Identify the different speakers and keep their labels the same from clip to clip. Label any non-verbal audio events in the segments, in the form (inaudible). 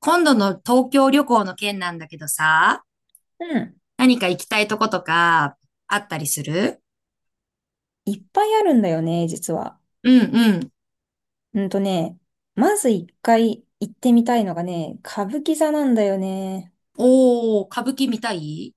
Speaker 1: 今度の東京旅行の件なんだけどさ、
Speaker 2: うん。
Speaker 1: 何か行きたいとことかあったりする？
Speaker 2: いっぱいあるんだよね、実は。
Speaker 1: うんうん。
Speaker 2: うんとね、まず一回行ってみたいのがね、歌舞伎座なんだよね。
Speaker 1: おー、歌舞伎見たい。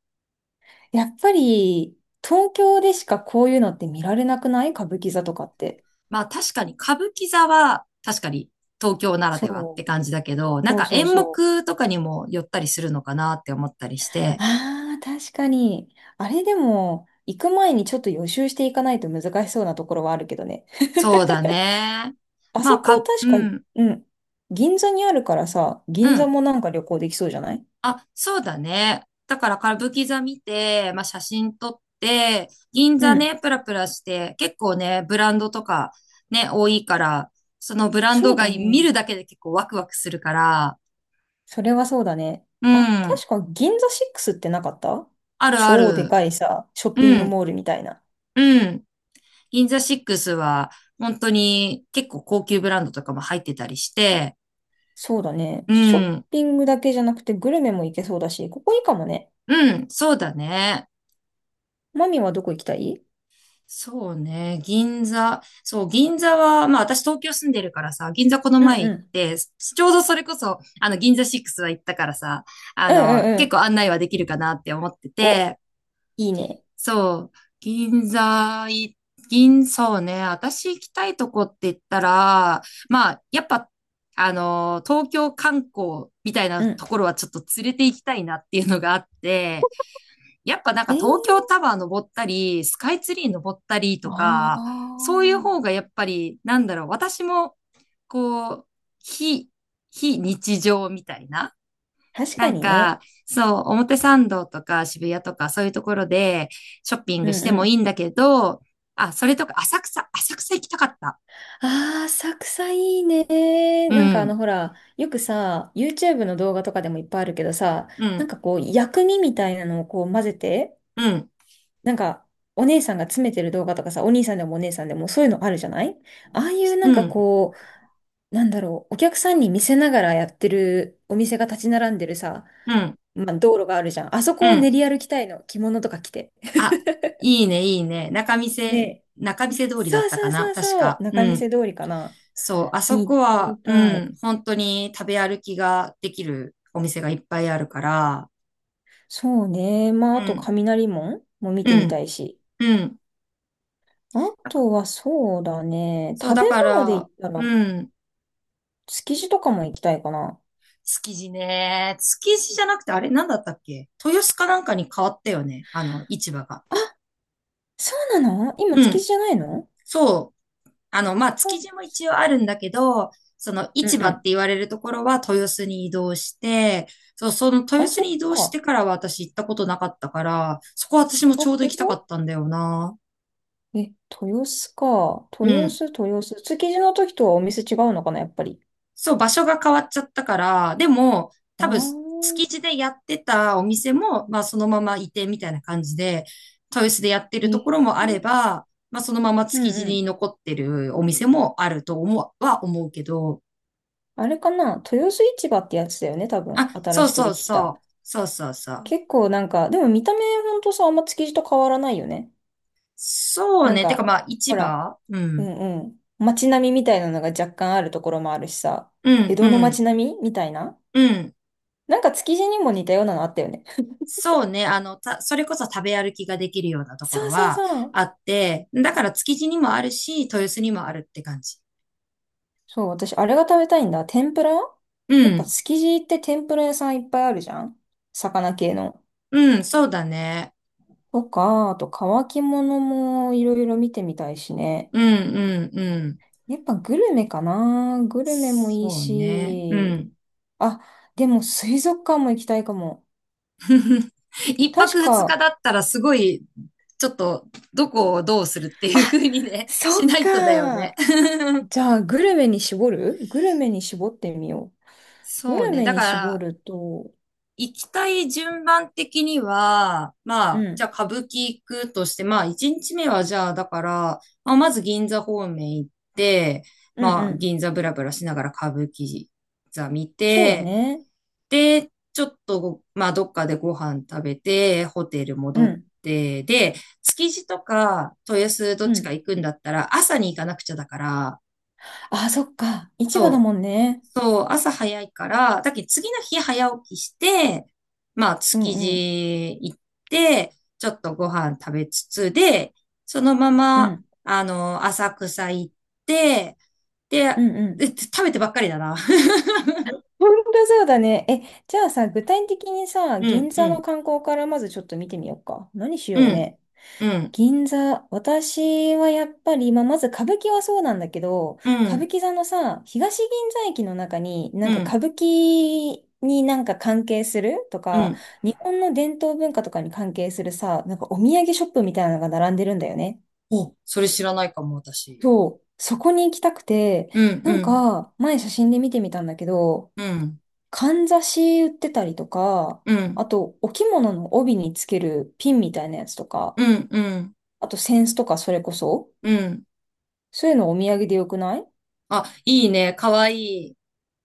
Speaker 2: やっぱり、東京でしかこういうのって見られなくない？歌舞伎座とかって。
Speaker 1: まあ確かに歌舞伎座は確かに東京ならではって
Speaker 2: そう。
Speaker 1: 感じだけど、なん
Speaker 2: そう
Speaker 1: か
Speaker 2: そう
Speaker 1: 演
Speaker 2: そう。
Speaker 1: 目とかにも寄ったりするのかなって思ったりして。
Speaker 2: ああ、確かに。あれでも、行く前にちょっと予習していかないと難しそうなところはあるけどね。
Speaker 1: そうだね。
Speaker 2: あ
Speaker 1: ま
Speaker 2: そ
Speaker 1: あ
Speaker 2: こ
Speaker 1: か、
Speaker 2: 確
Speaker 1: う
Speaker 2: か、
Speaker 1: ん、
Speaker 2: うん。銀座にあるからさ、
Speaker 1: う
Speaker 2: 銀座
Speaker 1: ん。
Speaker 2: もなんか旅行できそうじゃない？
Speaker 1: あ、そうだね。だから歌舞伎座見て、まあ、写真撮って、銀
Speaker 2: う
Speaker 1: 座
Speaker 2: ん。
Speaker 1: ね、プラプラして、結構ね、ブランドとかね、多いから、そのブラン
Speaker 2: そ
Speaker 1: ド
Speaker 2: う
Speaker 1: が
Speaker 2: だね。
Speaker 1: 見るだけで結構ワクワクするから、
Speaker 2: それはそうだね。
Speaker 1: う
Speaker 2: あ、
Speaker 1: ん、
Speaker 2: 確か銀座6ってなかった？
Speaker 1: あるあ
Speaker 2: 超で
Speaker 1: る。
Speaker 2: かいさ、ショッピ
Speaker 1: う
Speaker 2: ング
Speaker 1: ん、
Speaker 2: モールみたいな。
Speaker 1: うん。銀座シックスは、本当に結構高級ブランドとかも入ってたりして、
Speaker 2: そうだね。
Speaker 1: う
Speaker 2: ショッ
Speaker 1: ん、
Speaker 2: ピングだけじゃなくてグルメも行けそうだし、ここいいかもね。
Speaker 1: うん、そうだね。
Speaker 2: マミはどこ行きたい？
Speaker 1: そうね、銀座。そう、銀座は、まあ私東京住んでるからさ、銀座この
Speaker 2: うん
Speaker 1: 前行
Speaker 2: う
Speaker 1: っ
Speaker 2: ん。
Speaker 1: て、ちょうどそれこそ、銀座6は行ったからさ、
Speaker 2: うんうんう
Speaker 1: 結構
Speaker 2: ん。
Speaker 1: 案内はできるかなって思って
Speaker 2: お、
Speaker 1: て、
Speaker 2: いいね。
Speaker 1: そう、銀座い、銀、そうね、私行きたいとこって言ったら、まあ、やっぱ、東京観光みたい
Speaker 2: う
Speaker 1: な
Speaker 2: ん。
Speaker 1: ところはちょっと連れて行きたいなっていうのがあって、やっぱなん
Speaker 2: え
Speaker 1: か東
Speaker 2: ー、
Speaker 1: 京タワー登ったり、スカイツリー登ったりと
Speaker 2: あ
Speaker 1: か、そういう
Speaker 2: あ。
Speaker 1: 方がやっぱり、なんだろう、私も、こう、非、非日常みたいな。
Speaker 2: 確か
Speaker 1: なん
Speaker 2: にね。
Speaker 1: か、そう、表参道とか渋谷とかそういうところでショッピン
Speaker 2: う
Speaker 1: グし
Speaker 2: ん
Speaker 1: てもい
Speaker 2: う
Speaker 1: いんだけど、あ、それとか浅草行きたかった。
Speaker 2: ん。ああ、浅草いいね。
Speaker 1: う
Speaker 2: なんかあの
Speaker 1: ん、
Speaker 2: ほら、よくさ、YouTube の動画とかでもいっぱいあるけどさ、
Speaker 1: う
Speaker 2: なん
Speaker 1: ん、
Speaker 2: かこう薬味みたいなのをこう混ぜて、
Speaker 1: うん、
Speaker 2: なんか、お姉さんが詰めてる動画とかさ、お兄さんでもお姉さんでもそういうのあるじゃない？ああいうな
Speaker 1: う
Speaker 2: んか
Speaker 1: ん、
Speaker 2: こう、なんだろう、お客さんに見せながらやってるお店が立ち並んでるさ、
Speaker 1: うん、
Speaker 2: まあ、道路があるじゃん。あそ
Speaker 1: う
Speaker 2: こを練
Speaker 1: ん。
Speaker 2: り歩きたいの、着物とか着て。
Speaker 1: あ、いいね、いいね。仲見
Speaker 2: ね
Speaker 1: 世、
Speaker 2: え、
Speaker 1: 仲見世通りだ
Speaker 2: そ
Speaker 1: っ
Speaker 2: う
Speaker 1: た
Speaker 2: そ
Speaker 1: か
Speaker 2: うそ
Speaker 1: な、
Speaker 2: う
Speaker 1: 確
Speaker 2: そう、
Speaker 1: か。う
Speaker 2: 仲見
Speaker 1: ん。
Speaker 2: 世通りかな？
Speaker 1: そう、あそ
Speaker 2: に行っ
Speaker 1: こ
Speaker 2: てみ
Speaker 1: は、う
Speaker 2: たい。
Speaker 1: ん、本当に食べ歩きができるお店がいっぱいあるから、
Speaker 2: そうね。まあ、
Speaker 1: う
Speaker 2: あと
Speaker 1: ん、
Speaker 2: 雷門も見
Speaker 1: う
Speaker 2: てみた
Speaker 1: ん、
Speaker 2: いし。
Speaker 1: うん。
Speaker 2: あ
Speaker 1: なんか
Speaker 2: とはそうだね。
Speaker 1: そう、
Speaker 2: 食
Speaker 1: だ
Speaker 2: べ
Speaker 1: か
Speaker 2: 物で言っ
Speaker 1: ら、
Speaker 2: たら、
Speaker 1: うん、
Speaker 2: 築地とかも行きたいかな。
Speaker 1: 築地ね。築地じゃなくて、あれ、なんだったっけ豊洲かなんかに変わったよね。市場が。
Speaker 2: そうなの今、
Speaker 1: う
Speaker 2: 築
Speaker 1: ん、
Speaker 2: 地じゃないの？
Speaker 1: そう。まあ、築
Speaker 2: あ、
Speaker 1: 地も一応あるんだけど、その
Speaker 2: うん
Speaker 1: 市場って
Speaker 2: う
Speaker 1: 言われるところは豊洲に移動して、そう、その
Speaker 2: ん。
Speaker 1: 豊
Speaker 2: あ、
Speaker 1: 洲
Speaker 2: そ
Speaker 1: に移
Speaker 2: っ
Speaker 1: 動し
Speaker 2: か。
Speaker 1: てからは私行ったことなかったから、そこ私も
Speaker 2: あ、
Speaker 1: ちょうど
Speaker 2: 本
Speaker 1: 行きたかっ
Speaker 2: 当？
Speaker 1: たんだよな。
Speaker 2: え、豊洲か。
Speaker 1: う
Speaker 2: 豊
Speaker 1: ん。
Speaker 2: 洲、豊洲。築地の時とはお店違うのかな、やっぱり。
Speaker 1: そう、場所が変わっちゃったから、でも、
Speaker 2: あ
Speaker 1: 多
Speaker 2: あ、
Speaker 1: 分、築地でやってたお店も、まあ、そのまま移転みたいな感じで、豊洲でやって
Speaker 2: え、
Speaker 1: るとこ
Speaker 2: う
Speaker 1: ろもあれば、まあ、そのまま
Speaker 2: ん
Speaker 1: 築
Speaker 2: う
Speaker 1: 地に
Speaker 2: ん。
Speaker 1: 残ってるお店もあると思う、は思うけど、
Speaker 2: あれかな、豊洲市場ってやつだよね、多分。
Speaker 1: あ、
Speaker 2: 新
Speaker 1: そう
Speaker 2: しく
Speaker 1: そ
Speaker 2: で
Speaker 1: う
Speaker 2: きた。
Speaker 1: そう。そうそうそう。
Speaker 2: 結構なんか、でも見た目ほんとさ、あんま築地と変わらないよね。
Speaker 1: そう
Speaker 2: なん
Speaker 1: ね。てか
Speaker 2: か、
Speaker 1: まあ、市
Speaker 2: ほら、
Speaker 1: 場う
Speaker 2: う
Speaker 1: ん。
Speaker 2: んうん。街並みみたいなのが若干あるところもあるしさ、
Speaker 1: う
Speaker 2: 江
Speaker 1: ん、う
Speaker 2: 戸の
Speaker 1: ん、
Speaker 2: 街並みみたいな。
Speaker 1: うん。
Speaker 2: なんか築地にも似たようなのあったよね。
Speaker 1: そうね。それこそ食べ歩きができるようなとこ
Speaker 2: そ
Speaker 1: ろ
Speaker 2: うそう
Speaker 1: は
Speaker 2: そう。
Speaker 1: あって、だから築地にもあるし、豊洲にもあるって感じ。
Speaker 2: そう、私、あれが食べたいんだ。天ぷら。
Speaker 1: う
Speaker 2: やっぱ
Speaker 1: ん、
Speaker 2: 築地って天ぷら屋さんいっぱいあるじゃん？魚系の。
Speaker 1: うん、そうだね。
Speaker 2: とか、あと乾き物もいろいろ見てみたいしね。
Speaker 1: うん、うん、うん。
Speaker 2: やっぱグルメかな？グルメもいい
Speaker 1: そうね。う
Speaker 2: し。
Speaker 1: ん。
Speaker 2: あ、でも水族館も行きたいかも。
Speaker 1: (laughs) 一
Speaker 2: 確
Speaker 1: 泊二日
Speaker 2: か、
Speaker 1: だったらすごい、ちょっと、どこをどうするっていう
Speaker 2: あ、
Speaker 1: 風にね、し
Speaker 2: そ
Speaker 1: な
Speaker 2: っ
Speaker 1: いとだよ
Speaker 2: か。
Speaker 1: ね。(laughs)
Speaker 2: じゃあ、グルメに絞る？グルメに絞ってみよう。グ
Speaker 1: そう
Speaker 2: ル
Speaker 1: ね。
Speaker 2: メ
Speaker 1: だか
Speaker 2: に絞
Speaker 1: ら、
Speaker 2: ると、
Speaker 1: 行きたい順番的には、ま
Speaker 2: う
Speaker 1: あ、じゃ
Speaker 2: ん、
Speaker 1: あ歌舞伎行くとして、まあ、一日目はじゃあ、だから、まあ、まず銀座方面行って、
Speaker 2: うんう
Speaker 1: まあ、
Speaker 2: ん。
Speaker 1: 銀座ブラブラしながら歌舞伎座見
Speaker 2: そうだ
Speaker 1: て、
Speaker 2: ね。
Speaker 1: で、ちょっと、まあ、どっかでご飯食べて、ホテル
Speaker 2: う
Speaker 1: 戻っ
Speaker 2: ん、
Speaker 1: て、で、築地とか豊洲どっ
Speaker 2: う
Speaker 1: ちか
Speaker 2: ん。
Speaker 1: 行くんだったら、朝に行かなくちゃだから、
Speaker 2: あ、そっか。市場だ
Speaker 1: と
Speaker 2: もんね。
Speaker 1: そう、朝早いから、だけど次の日早起きして、まあ、
Speaker 2: う
Speaker 1: 築
Speaker 2: んうん。
Speaker 1: 地行って、ちょっとご飯食べつつで、そのま
Speaker 2: う
Speaker 1: ま、
Speaker 2: ん。
Speaker 1: 浅草行って、で、
Speaker 2: うんう
Speaker 1: で
Speaker 2: ん。
Speaker 1: 食べてばっかりだな。(laughs)
Speaker 2: (laughs) 本当そうだね。え、じゃあさ、具体的にさ、
Speaker 1: う
Speaker 2: 銀
Speaker 1: ん、う
Speaker 2: 座の
Speaker 1: ん、
Speaker 2: 観光からまずちょっと見てみようか。何し
Speaker 1: う
Speaker 2: よう
Speaker 1: ん、
Speaker 2: ね。
Speaker 1: うん、
Speaker 2: 銀座、私はやっぱり、まあ、まず歌舞伎はそうなんだけど、
Speaker 1: う
Speaker 2: 歌舞
Speaker 1: ん、
Speaker 2: 伎座のさ、東銀座駅の中に、な
Speaker 1: う
Speaker 2: んか
Speaker 1: ん、
Speaker 2: 歌舞伎になんか関係すると
Speaker 1: う
Speaker 2: か、
Speaker 1: ん。
Speaker 2: 日本の伝統文化とかに関係するさ、なんかお土産ショップみたいなのが並んでるんだよね。
Speaker 1: お、それ知らないかも、私。
Speaker 2: そう、そこに行きたくて、
Speaker 1: うん、
Speaker 2: なん
Speaker 1: うん、
Speaker 2: か、前写真で見てみたんだけど、
Speaker 1: うん、
Speaker 2: かんざし売ってたりとか、
Speaker 1: う
Speaker 2: あ
Speaker 1: ん、
Speaker 2: と、お着物の帯につけるピンみたいなやつと
Speaker 1: う
Speaker 2: か、
Speaker 1: ん、うん、
Speaker 2: あと、扇子とかそれこそ、
Speaker 1: うん。
Speaker 2: そういうのお土産でよくない？
Speaker 1: あ、いいね、かわいい。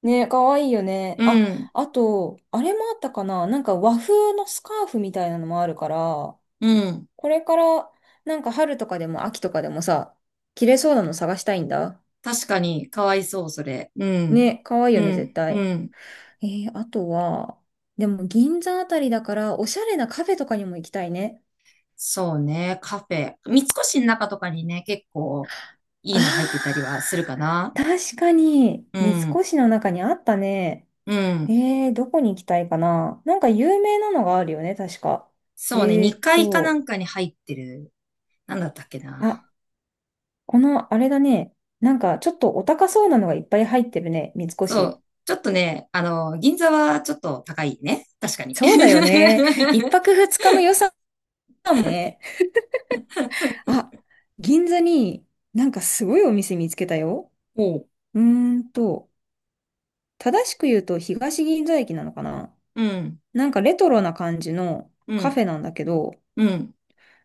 Speaker 2: ね、かわいいよね。
Speaker 1: う
Speaker 2: あ、
Speaker 1: ん、
Speaker 2: あと、あれもあったかな？なんか和風のスカーフみたいなのもあるから、
Speaker 1: うん。
Speaker 2: これから、なんか春とかでも秋とかでもさ、着れそうなの探したいんだ。
Speaker 1: 確かに、かわいそう、それ。うん。
Speaker 2: ね、かわいい
Speaker 1: う
Speaker 2: よね、絶
Speaker 1: ん、う
Speaker 2: 対。
Speaker 1: ん。
Speaker 2: あとは、でも銀座あたりだから、おしゃれなカフェとかにも行きたいね。
Speaker 1: そうね、カフェ。三越の中とかにね、結構いいの入ってたり
Speaker 2: あ
Speaker 1: はするか
Speaker 2: ー、
Speaker 1: な。
Speaker 2: 確かに、
Speaker 1: う
Speaker 2: 三
Speaker 1: ん、
Speaker 2: 越の中にあったね。
Speaker 1: うん。
Speaker 2: どこに行きたいかな。なんか有名なのがあるよね、確か。え
Speaker 1: そうね、
Speaker 2: ーっ
Speaker 1: 2階かな
Speaker 2: と、
Speaker 1: んかに入ってる。なんだったっけな。
Speaker 2: あ、このあれだね。なんかちょっとお高そうなのがいっぱい入ってるね、三
Speaker 1: そ
Speaker 2: 越。
Speaker 1: う。ちょっとね、銀座はちょっと高いね。確かに。
Speaker 2: そうだよ
Speaker 1: (laughs)
Speaker 2: ね。一泊二日の予算もね。あ、銀座になんかすごいお店見つけたよ。
Speaker 1: おう。
Speaker 2: うーんと、正しく言うと東銀座駅なのかな？
Speaker 1: うん、
Speaker 2: なんかレトロな感じの
Speaker 1: う
Speaker 2: カフ
Speaker 1: ん、
Speaker 2: ェなんだけど、
Speaker 1: うん、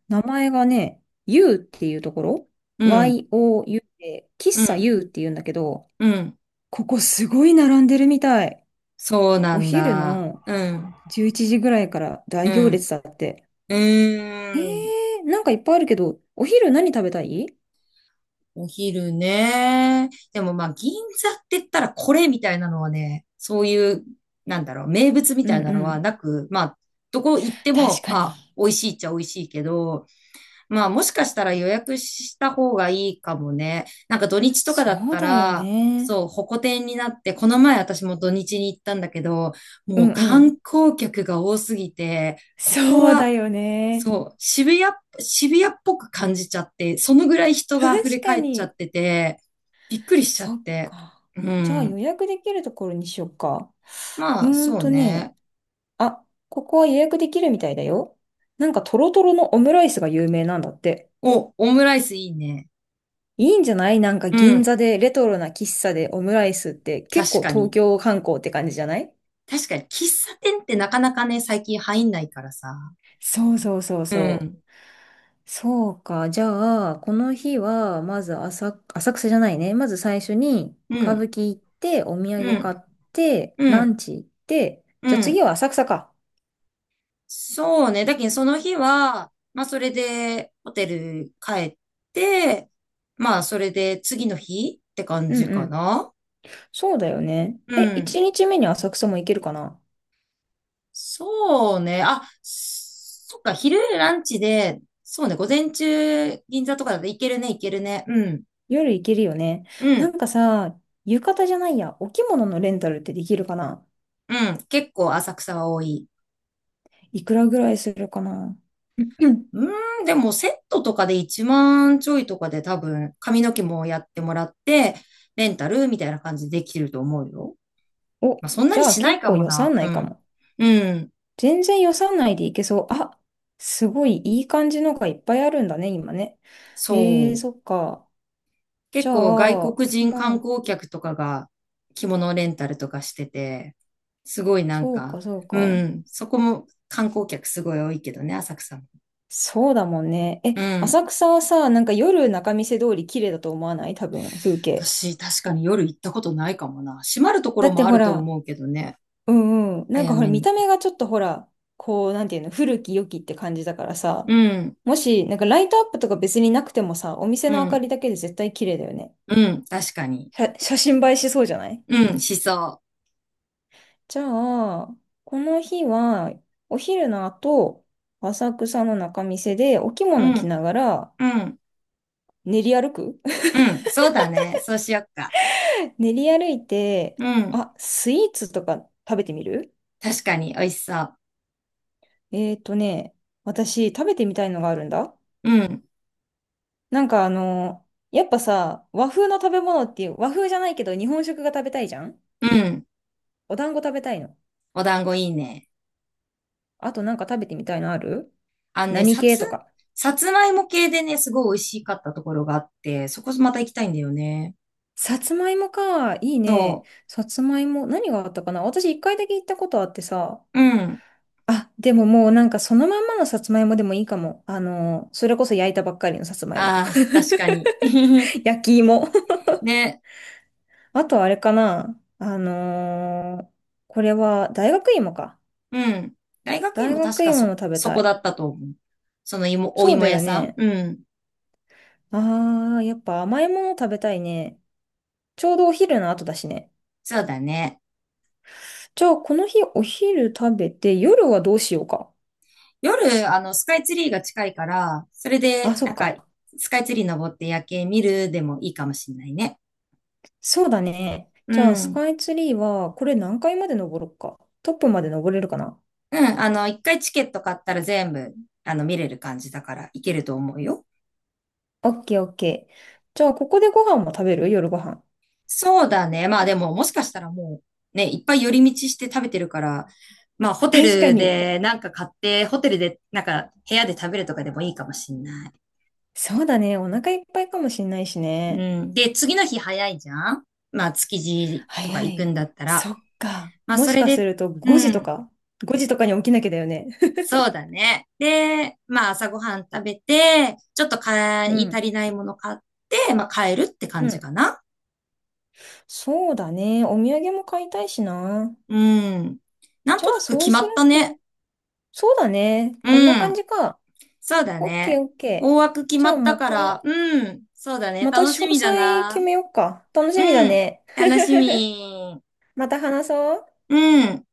Speaker 2: 名前がね、U っていうところ
Speaker 1: うん、
Speaker 2: ?YOU で、喫
Speaker 1: う
Speaker 2: 茶
Speaker 1: ん、
Speaker 2: U っていうんだけど、
Speaker 1: うん。
Speaker 2: ここすごい並んでるみたい。
Speaker 1: そうな
Speaker 2: お
Speaker 1: ん
Speaker 2: 昼
Speaker 1: だ。
Speaker 2: の
Speaker 1: うん、
Speaker 2: 11時ぐらいから
Speaker 1: う
Speaker 2: 大行列
Speaker 1: ん、
Speaker 2: だって。
Speaker 1: う
Speaker 2: え
Speaker 1: ーん。
Speaker 2: なんかいっぱいあるけど、お昼何食べたい？
Speaker 1: お昼ね。でもまあ、銀座って言ったらこれみたいなのはね、そういう、なんだろう、名物み
Speaker 2: う
Speaker 1: た
Speaker 2: ん
Speaker 1: いな
Speaker 2: う
Speaker 1: のは
Speaker 2: ん。
Speaker 1: なく、まあ、どこ行って
Speaker 2: 確
Speaker 1: も、
Speaker 2: か
Speaker 1: ま
Speaker 2: に。
Speaker 1: あ、美味しいっちゃ美味しいけど、まあ、もしかしたら予約した方がいいかもね。なんか土日とかだっ
Speaker 2: そう
Speaker 1: た
Speaker 2: だよ
Speaker 1: ら、
Speaker 2: ね。
Speaker 1: そう、ホコ天になって、この前私も土日に行ったんだけど、
Speaker 2: う
Speaker 1: もう
Speaker 2: んう
Speaker 1: 観
Speaker 2: ん。
Speaker 1: 光客が多すぎて、ここ
Speaker 2: そうだ
Speaker 1: は
Speaker 2: よね。
Speaker 1: そう、渋谷っぽく感じちゃって、そのぐらい人が溢れ
Speaker 2: 確か
Speaker 1: 返っちゃ
Speaker 2: に。
Speaker 1: ってて、びっくりしちゃっ
Speaker 2: そっ
Speaker 1: て。
Speaker 2: か。
Speaker 1: う
Speaker 2: じゃあ予
Speaker 1: ん。
Speaker 2: 約できるところにしようか。
Speaker 1: ま
Speaker 2: う
Speaker 1: あ、
Speaker 2: ーん
Speaker 1: そう
Speaker 2: とね、
Speaker 1: ね。
Speaker 2: あ、ここは予約できるみたいだよ。なんかトロトロのオムライスが有名なんだって。
Speaker 1: お、オムライスいいね。
Speaker 2: いいんじゃない？なんか
Speaker 1: う
Speaker 2: 銀
Speaker 1: ん。
Speaker 2: 座でレトロな喫茶でオムライスって結
Speaker 1: 確
Speaker 2: 構
Speaker 1: か
Speaker 2: 東
Speaker 1: に。
Speaker 2: 京観光って感じじゃない？
Speaker 1: 確かに、喫茶店ってなかなかね、最近入んないからさ。
Speaker 2: そうそうそう
Speaker 1: う
Speaker 2: そう。
Speaker 1: ん。
Speaker 2: そうか。じゃあ、この日は、まず浅草じゃないね。まず最初に
Speaker 1: う
Speaker 2: 歌舞
Speaker 1: ん。
Speaker 2: 伎行って、お土
Speaker 1: う
Speaker 2: 産買っ
Speaker 1: ん。
Speaker 2: て、
Speaker 1: う
Speaker 2: ラ
Speaker 1: ん。
Speaker 2: ンチ行って、
Speaker 1: う
Speaker 2: じゃあ次
Speaker 1: ん。
Speaker 2: は浅草か。
Speaker 1: そうね。だけど、その日は、まあ、それで、ホテル帰って、まあ、それで、次の日って感
Speaker 2: うん
Speaker 1: じ
Speaker 2: う
Speaker 1: か
Speaker 2: ん。
Speaker 1: な。
Speaker 2: そうだよね。
Speaker 1: う
Speaker 2: え、
Speaker 1: ん。
Speaker 2: 一日目に浅草も行けるかな？
Speaker 1: そうね。あ、そっか、昼ランチで、そうね、午前中、銀座とかだといけるね、いけるね。うん、
Speaker 2: 夜行けるよね。
Speaker 1: う
Speaker 2: な
Speaker 1: ん、
Speaker 2: んかさ、浴衣じゃないや、お着物のレンタルってできるかな？
Speaker 1: うん。結構浅草は多い。
Speaker 2: いくらぐらいするかな？うん、
Speaker 1: うーん、でもセットとかで1万ちょいとかで多分、髪の毛もやってもらって、レンタルみたいな感じでできると思うよ。
Speaker 2: お、
Speaker 1: まあ、そんな
Speaker 2: じ
Speaker 1: に
Speaker 2: ゃあ
Speaker 1: しない
Speaker 2: 結
Speaker 1: か
Speaker 2: 構
Speaker 1: も
Speaker 2: 予算
Speaker 1: な。う
Speaker 2: 内か
Speaker 1: ん、
Speaker 2: も。
Speaker 1: うん、
Speaker 2: 全然予算内で行けそう。あ、すごいいい感じのがいっぱいあるんだね、今ね。
Speaker 1: そう。
Speaker 2: そっか。じ
Speaker 1: 結
Speaker 2: ゃ
Speaker 1: 構外
Speaker 2: あ、
Speaker 1: 国人
Speaker 2: ま
Speaker 1: 観
Speaker 2: あ、
Speaker 1: 光客とかが着物レンタルとかしてて、すごいなん
Speaker 2: そうか、
Speaker 1: か、
Speaker 2: そうか。
Speaker 1: うん、そこも観光客すごい多いけどね、浅草も。
Speaker 2: そうだもんね。え、
Speaker 1: うん。
Speaker 2: 浅草はさ、なんか夜仲見世通り綺麗だと思わない？多分、風景。
Speaker 1: 私、確かに夜行ったことないかもな。閉まるとこ
Speaker 2: だ
Speaker 1: ろ
Speaker 2: って
Speaker 1: もあ
Speaker 2: ほ
Speaker 1: ると
Speaker 2: ら、
Speaker 1: 思うけどね、
Speaker 2: うんうん。なん
Speaker 1: 早
Speaker 2: かほら、
Speaker 1: め
Speaker 2: 見
Speaker 1: に。
Speaker 2: た目がちょっとほら、こう、なんていうの、古き良きって感じだからさ、
Speaker 1: うん、
Speaker 2: もし、なんかライトアップとか別になくてもさ、お店
Speaker 1: う
Speaker 2: の明かり
Speaker 1: ん、
Speaker 2: だけで絶対綺麗だよね。
Speaker 1: うん、確かに。
Speaker 2: 写真映えしそうじゃない？
Speaker 1: うん、しそ
Speaker 2: じゃあ、この日は、お昼の後、浅草の仲見世でお着
Speaker 1: う。う
Speaker 2: 物着
Speaker 1: ん、
Speaker 2: ながら
Speaker 1: うん、
Speaker 2: 練り歩く。
Speaker 1: うん、そうだね。そうしよっか。
Speaker 2: (laughs) 練り歩いて、
Speaker 1: うん、
Speaker 2: あ、スイーツとか食べてみる？
Speaker 1: 確かに美味しそう。
Speaker 2: えーとね、私食べてみたいのがあるんだ。
Speaker 1: うん、
Speaker 2: なんかあの、やっぱさ、和風の食べ物っていう、和風じゃないけど日本食が食べたいじゃん？
Speaker 1: うん、
Speaker 2: お団子食べたいの。
Speaker 1: お団子いいね。
Speaker 2: あとなんか食べてみたいのある？
Speaker 1: あのね、
Speaker 2: 何
Speaker 1: さ
Speaker 2: 系
Speaker 1: つ、
Speaker 2: とか。
Speaker 1: さつまいも系でね、すごい美味しかったところがあって、そこまた行きたいんだよね。
Speaker 2: さつまいもか。いいね。
Speaker 1: そ
Speaker 2: さつまいも。何があったかな？私一回だけ行ったことあってさ。
Speaker 1: う。うん。
Speaker 2: あ、でももうなんかそのまんまのさつまいもでもいいかも。あの、それこそ焼いたばっかりのさつまいも。
Speaker 1: ああ、確かに。(laughs)
Speaker 2: (laughs) 焼き芋。
Speaker 1: で、
Speaker 2: あとあれかな。あのーこれは大学芋か。
Speaker 1: うん。大学院
Speaker 2: 大
Speaker 1: も確
Speaker 2: 学
Speaker 1: か
Speaker 2: 芋も
Speaker 1: そ、
Speaker 2: 食べ
Speaker 1: そ
Speaker 2: た
Speaker 1: こだ
Speaker 2: い。
Speaker 1: ったと思う。その芋、お
Speaker 2: そう
Speaker 1: 芋
Speaker 2: だ
Speaker 1: 屋
Speaker 2: よ
Speaker 1: さん。
Speaker 2: ね。
Speaker 1: うん。
Speaker 2: ああ、やっぱ甘いもの食べたいね。ちょうどお昼の後だしね。
Speaker 1: そうだね。
Speaker 2: じゃあ、この日お昼食べて、夜はどうしようか。
Speaker 1: 夜、スカイツリーが近いから、それ
Speaker 2: あ、
Speaker 1: で、
Speaker 2: そ
Speaker 1: な
Speaker 2: っ
Speaker 1: んか、
Speaker 2: か。
Speaker 1: スカイツリー登って夜景見るでもいいかもしんないね。
Speaker 2: そうだね。
Speaker 1: う
Speaker 2: じゃあ、ス
Speaker 1: ん。
Speaker 2: カイツリーは、これ何階まで登ろっか。トップまで登れるかな。
Speaker 1: うん。一回チケット買ったら全部、見れる感じだから、行けると思うよ。
Speaker 2: オッケーオッケー。じゃあ、ここでご飯も食べる？夜ご飯。
Speaker 1: そうだね。まあでも、もしかしたらもう、ね、いっぱい寄り道して食べてるから、まあホ
Speaker 2: (laughs)
Speaker 1: テ
Speaker 2: 確か
Speaker 1: ル
Speaker 2: に。
Speaker 1: でなんか買って、ホテルでなんか部屋で食べるとかでもいいかもしんない。
Speaker 2: そうだね。お腹いっぱいかもしんないしね。
Speaker 1: うん。で、次の日早いじゃん？まあ築地とか
Speaker 2: 早
Speaker 1: 行く
Speaker 2: い。
Speaker 1: んだったら。
Speaker 2: そっか。
Speaker 1: まあ
Speaker 2: も
Speaker 1: そ
Speaker 2: し
Speaker 1: れ
Speaker 2: かす
Speaker 1: で、
Speaker 2: ると
Speaker 1: う
Speaker 2: 5時と
Speaker 1: ん。
Speaker 2: か ?5 時とかに起きなきゃだよね。
Speaker 1: そうだね。で、まあ朝ごはん食べて、ちょっと買
Speaker 2: う
Speaker 1: い足
Speaker 2: ん。
Speaker 1: りないもの買って、まあ帰るって感
Speaker 2: う
Speaker 1: じ
Speaker 2: ん
Speaker 1: かな。
Speaker 2: そうだね。お土産も買いたいしな。
Speaker 1: うん。なん
Speaker 2: じゃ
Speaker 1: とな
Speaker 2: あ、
Speaker 1: く
Speaker 2: そう
Speaker 1: 決ま
Speaker 2: する
Speaker 1: ったね。
Speaker 2: と。そうだね。こん
Speaker 1: う
Speaker 2: な感
Speaker 1: ん。
Speaker 2: じか。
Speaker 1: そうだ
Speaker 2: オッケー
Speaker 1: ね。
Speaker 2: オッ
Speaker 1: 大
Speaker 2: ケー。
Speaker 1: 枠決
Speaker 2: じ
Speaker 1: ま
Speaker 2: ゃあ、
Speaker 1: った
Speaker 2: ま
Speaker 1: から、
Speaker 2: た、
Speaker 1: うん、そうだね。
Speaker 2: また
Speaker 1: 楽し
Speaker 2: 詳
Speaker 1: みだ
Speaker 2: 細決
Speaker 1: な。
Speaker 2: めようか。楽
Speaker 1: う
Speaker 2: しみだ
Speaker 1: ん、
Speaker 2: ね。
Speaker 1: 楽しみ。
Speaker 2: また話そう。
Speaker 1: うん。